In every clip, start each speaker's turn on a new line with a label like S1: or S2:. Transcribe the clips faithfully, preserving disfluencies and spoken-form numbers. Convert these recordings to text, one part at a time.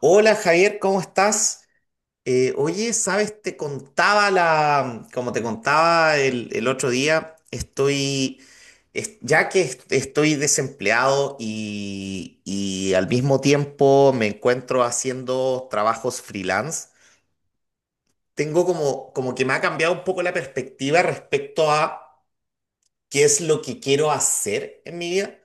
S1: Hola Javier, ¿cómo estás? Eh, oye, sabes, te contaba la, como te contaba el, el otro día, estoy, es- ya que est- estoy desempleado y, y al mismo tiempo me encuentro haciendo trabajos freelance, tengo como, como que me ha cambiado un poco la perspectiva respecto a qué es lo que quiero hacer en mi vida,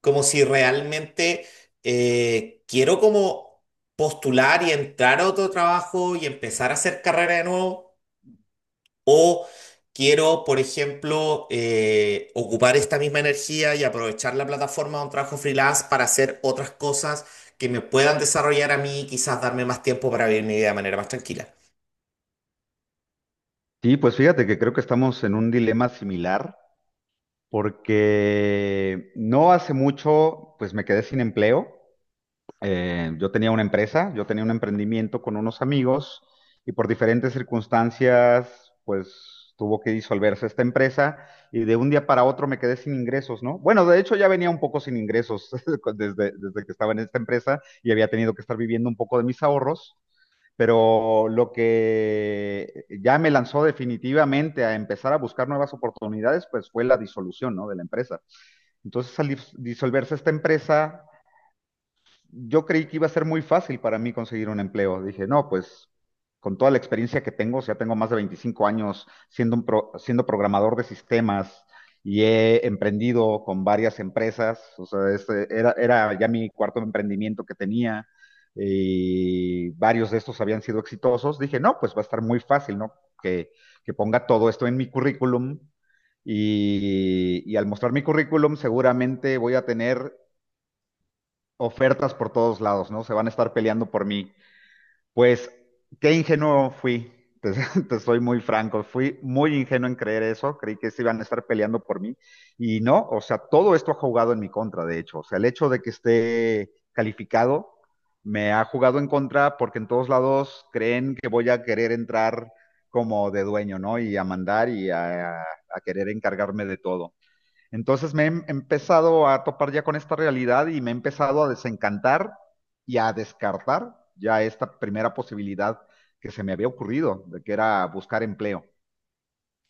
S1: como si realmente eh, quiero como postular y entrar a otro trabajo y empezar a hacer carrera de nuevo, o quiero, por ejemplo, eh, ocupar esta misma energía y aprovechar la plataforma de un trabajo freelance para hacer otras cosas que me puedan desarrollar a mí y quizás darme más tiempo para vivir mi vida de manera más tranquila.
S2: Sí, pues fíjate que creo que estamos en un dilema similar porque no hace mucho pues me quedé sin empleo. Eh, yo tenía una empresa, yo tenía un emprendimiento con unos amigos y por diferentes circunstancias pues tuvo que disolverse esta empresa y de un día para otro me quedé sin ingresos, ¿no? Bueno, de hecho ya venía un poco sin ingresos desde, desde que estaba en esta empresa y había tenido que estar viviendo un poco de mis ahorros, pero lo que ya me lanzó definitivamente a empezar a buscar nuevas oportunidades, pues fue la disolución, ¿no? De la empresa. Entonces, al disolverse esta empresa, yo creí que iba a ser muy fácil para mí conseguir un empleo. Dije, no, pues con toda la experiencia que tengo, o sea, tengo más de veinticinco años siendo, un pro- siendo programador de sistemas y he emprendido con varias empresas, o sea, este era, era ya mi cuarto emprendimiento que tenía y varios de estos habían sido exitosos. Dije, no, pues va a estar muy fácil, ¿no? Que, que ponga todo esto en mi currículum. Y, y al mostrar mi currículum seguramente voy a tener ofertas por todos lados, ¿no? Se van a estar peleando por mí. Pues, qué ingenuo fui, te, te soy muy franco, fui muy ingenuo en creer eso, creí que se iban a estar peleando por mí y no, o sea, todo esto ha jugado en mi contra, de hecho, o sea, el hecho de que esté calificado me ha jugado en contra porque en todos lados creen que voy a querer entrar como de dueño, ¿no? Y a mandar y a, a querer encargarme de todo. Entonces me he em- empezado a topar ya con esta realidad y me he empezado a desencantar y a descartar ya esta primera posibilidad que se me había ocurrido, de que era buscar empleo.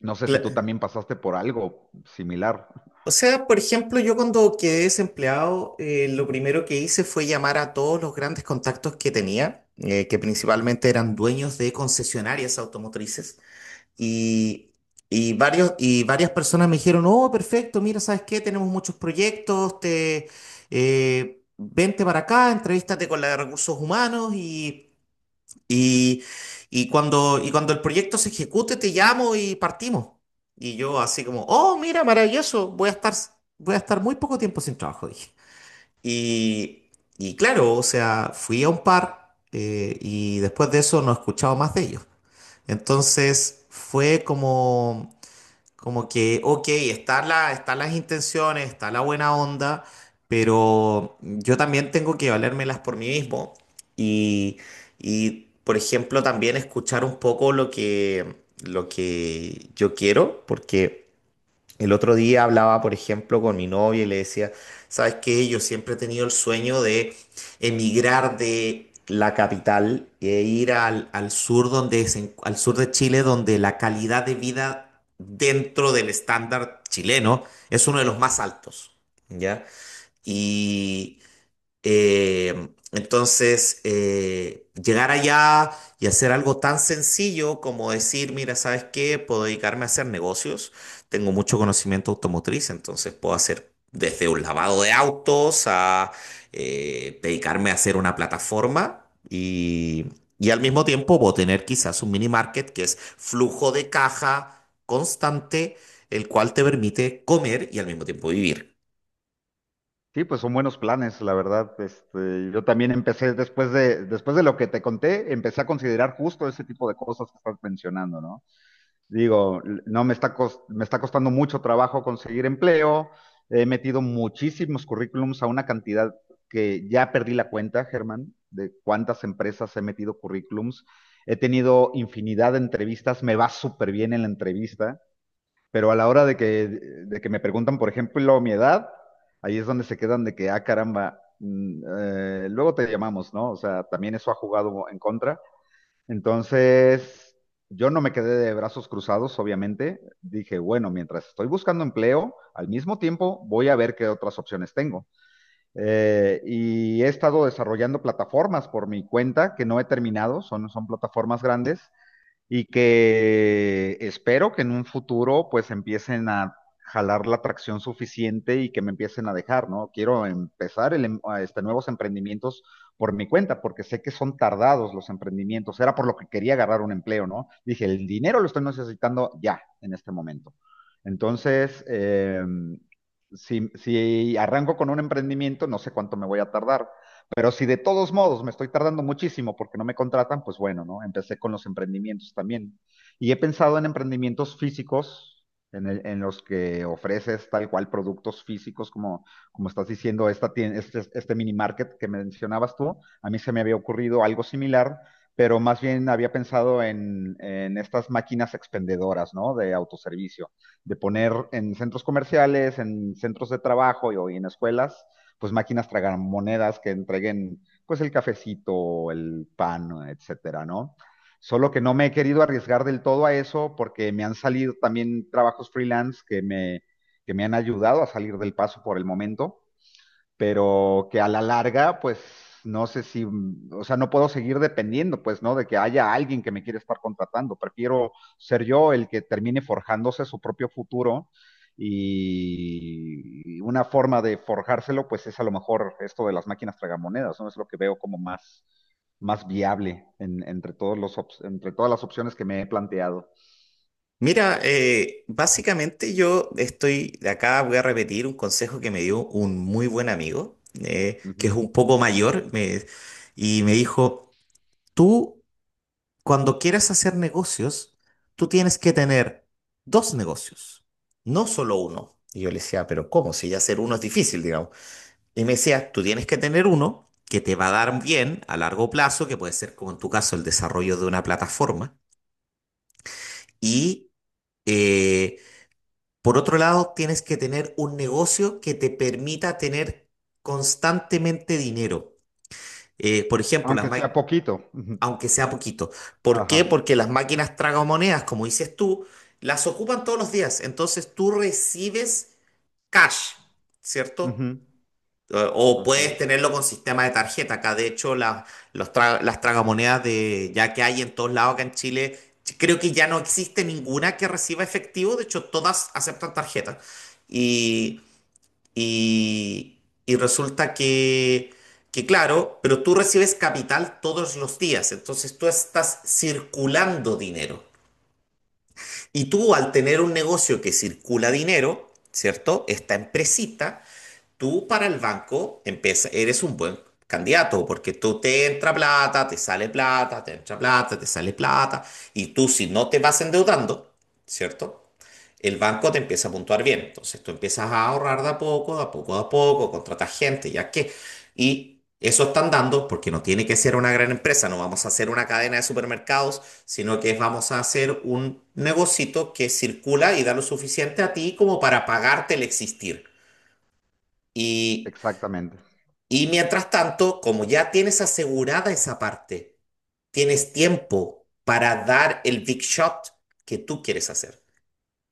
S2: No sé si tú también pasaste por algo similar.
S1: O sea, por ejemplo, yo cuando quedé desempleado, eh, lo primero que hice fue llamar a todos los grandes contactos que tenía, eh, que principalmente eran dueños de concesionarias automotrices, y, y varios, y varias personas me dijeron, oh, perfecto, mira, ¿sabes qué? Tenemos muchos proyectos, te, eh, vente para acá, entrevístate con la de recursos humanos y... Y, y cuando, y cuando el proyecto se ejecute, te llamo y partimos. Y yo así como, oh, mira, maravilloso, voy a estar, voy a estar muy poco tiempo sin trabajo, dije. Y, y claro, o sea, fui a un par, eh, y después de eso no he escuchado más de ellos. Entonces fue como, como que, ok, están la, están las intenciones, está la buena onda, pero yo también tengo que valérmelas por mí mismo. Y, y, por ejemplo, también escuchar un poco lo que, lo que yo quiero, porque el otro día hablaba, por ejemplo, con mi novia y le decía, ¿sabes qué? Yo siempre he tenido el sueño de emigrar de la capital e ir al, al sur donde se en- al sur de Chile, donde la calidad de vida dentro del estándar chileno es uno de los más altos, ¿ya? Y eh, entonces, eh, llegar allá y hacer algo tan sencillo como decir, mira, ¿sabes qué? Puedo dedicarme a hacer negocios. Tengo mucho conocimiento automotriz, entonces puedo hacer desde un lavado de autos a, eh, dedicarme a hacer una plataforma y, y al mismo tiempo puedo tener quizás un mini market que es flujo de caja constante, el cual te permite comer y al mismo tiempo vivir.
S2: Sí, pues son buenos planes, la verdad. Este, yo también empecé después de, después de lo que te conté, empecé a considerar justo ese tipo de cosas que estás mencionando, ¿no? Digo, no me está, cos- me está costando mucho trabajo conseguir empleo. He metido muchísimos currículums a una cantidad que ya perdí la cuenta, Germán, de cuántas empresas he metido currículums. He tenido infinidad de entrevistas, me va súper bien en la entrevista, pero a la hora de que, de que me preguntan, por ejemplo, mi edad, ahí es donde se quedan de que, ah, caramba, mm, eh, luego te llamamos, ¿no? O sea, también eso ha jugado en contra. Entonces, yo no me quedé de brazos cruzados, obviamente. Dije, bueno, mientras estoy buscando empleo, al mismo tiempo voy a ver qué otras opciones tengo. Eh, y he estado desarrollando plataformas por mi cuenta que no he terminado, son, son plataformas grandes y que espero que en un futuro pues empiecen a jalar la tracción suficiente y que me empiecen a dejar, ¿no? Quiero empezar el em- a este, nuevos emprendimientos por mi cuenta, porque sé que son tardados los emprendimientos. Era por lo que quería agarrar un empleo, ¿no? Dije, el dinero lo estoy necesitando ya, en este momento. Entonces, em, si, si arranco con un emprendimiento, no sé cuánto me voy a tardar. Pero si de todos modos me estoy tardando muchísimo porque no me contratan, pues bueno, ¿no? Empecé con los emprendimientos también. Y he pensado en emprendimientos físicos, en, el- en los que ofreces tal cual productos físicos, como, como estás diciendo, esta tien- este, este mini market que mencionabas tú. A mí se me había ocurrido algo similar, pero más bien había pensado en, en estas máquinas expendedoras, ¿no? De autoservicio, de poner en centros comerciales, en centros de trabajo y, o en escuelas pues máquinas tragamonedas que entreguen pues el cafecito, el pan, etcétera, ¿no? Solo que no me he querido arriesgar del todo a eso porque me han salido también trabajos freelance que me, que me han ayudado a salir del paso por el momento, pero que a la larga, pues no sé si, mm, o sea, no puedo seguir dependiendo, pues, ¿no? De que haya alguien que me quiera estar contratando. Prefiero ser yo el que termine forjándose su propio futuro y una forma de forjárselo, pues es a lo mejor esto de las máquinas tragamonedas, ¿no? Es lo que veo como más, más viable en- entre todos los, op- entre todas las opciones que me he planteado.
S1: Mira, eh, básicamente yo estoy, acá voy a repetir un consejo que me dio un muy buen amigo, eh, que
S2: Ujú.
S1: es un poco mayor, me- y me dijo, tú cuando quieras hacer negocios, tú tienes que tener dos negocios, no solo uno. Y yo le decía, pero ¿cómo? Si ya hacer uno es difícil, digamos. Y me decía, tú tienes que tener uno que te va a dar bien a largo plazo, que puede ser como en tu caso el desarrollo de una plataforma, y... eh, Por otro lado, tienes que tener un negocio que te permita tener constantemente dinero. Eh, por ejemplo, las
S2: Aunque
S1: ma-
S2: sea poquito. Ujú.
S1: aunque sea poquito. ¿Por
S2: Ajá.
S1: qué? Porque las máquinas tragamonedas, como dices tú, las ocupan todos los días. Entonces tú recibes cash, ¿cierto?
S2: Ujú.
S1: Eh, O
S2: Así
S1: puedes
S2: es.
S1: tenerlo con sistema de tarjeta. Acá, de hecho, la- los tra- las tragamonedas de, ya que hay en todos lados acá en Chile, ch- creo que ya no existe ninguna que reciba efectivo. De hecho, todas aceptan tarjeta. Y y, y resulta que, que, claro, pero tú recibes capital todos los días, entonces tú estás circulando dinero. Y tú al tener un negocio que circula dinero, ¿cierto? Esta empresita, tú para el banco empieza, eres un buen candidato porque tú te entra plata, te sale plata, te entra plata, te sale plata, y tú si no te vas endeudando, ¿cierto? El banco te empieza a puntuar bien. Entonces tú empiezas a ahorrar de a poco, de a poco, de a poco, contratas gente, ya que. Y eso están dando, porque no tiene que ser una gran empresa, no vamos a hacer una cadena de supermercados, sino que vamos a hacer un negocito que circula y da lo suficiente a ti como para pagarte el existir. Y,
S2: Exactamente.
S1: y mientras tanto, como ya tienes asegurada esa parte, tienes tiempo para dar el big shot que tú quieres hacer.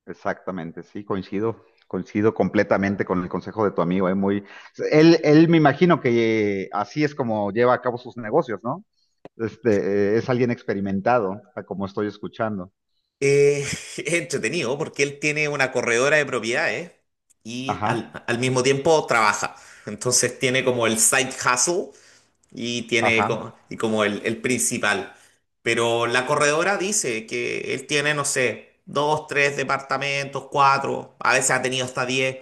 S2: Exactamente, sí, coincido, coincido completamente con el consejo de tu amigo, ¿eh? Muy, él, él me imagino que eh, así es como lleva a cabo sus negocios, ¿no? Este, eh, es alguien experimentado, a como estoy escuchando.
S1: Eh, es entretenido porque él tiene una corredora de propiedades y
S2: Ajá,
S1: al, al mismo tiempo trabaja. Entonces tiene como el side hustle y tiene
S2: ajá,
S1: como, y como el, el principal. Pero la corredora dice que él tiene, no sé, dos, tres departamentos, cuatro, a veces ha tenido hasta diez.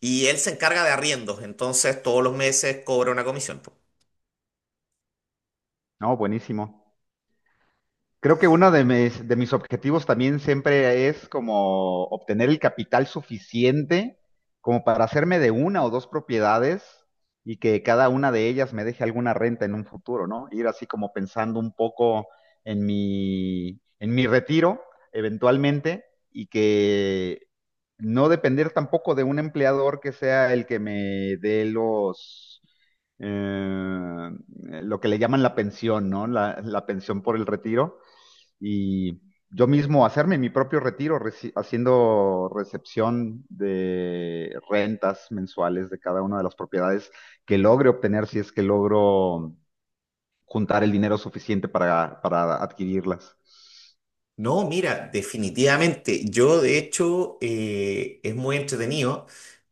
S1: Y él se encarga de arriendos, entonces todos los meses cobra una comisión.
S2: no, buenísimo. Creo que uno de mis, de mis objetivos también siempre es como obtener el capital suficiente como para hacerme de una o dos propiedades y que cada una de ellas me deje alguna renta en un futuro, ¿no? Ir así como pensando un poco en mi, en mi retiro eventualmente y que no depender tampoco de un empleador que sea el que me dé los eh, lo que le llaman la pensión, ¿no? La, la pensión por el retiro, y yo mismo hacerme mi propio retiro, reci- haciendo recepción de rentas mensuales de cada una de las propiedades que logre obtener si es que logro juntar el dinero suficiente para, para adquirirlas.
S1: No, mira, definitivamente. Yo, de hecho, eh, es muy entretenido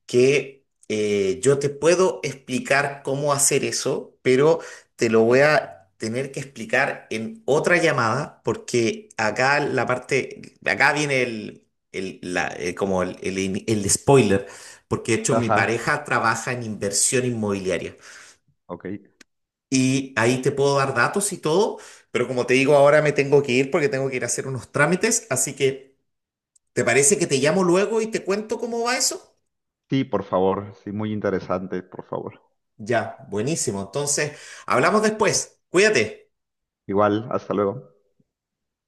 S1: que, eh, yo te puedo explicar cómo hacer eso, pero te lo voy a tener que explicar en otra llamada, porque acá la parte, acá viene el, el- la- eh, como el, el el spoiler, porque de hecho mi
S2: Ajá,
S1: pareja trabaja en inversión inmobiliaria.
S2: ok.
S1: Y ahí te puedo dar datos y todo, pero como te digo, ahora me tengo que ir porque tengo que ir a hacer unos trámites, así que... ¿Te parece que te llamo luego y te cuento cómo va eso?
S2: Sí, por favor, sí, muy interesante, por favor.
S1: Ya, buenísimo. Entonces, hablamos después. Cuídate.
S2: Igual, hasta luego.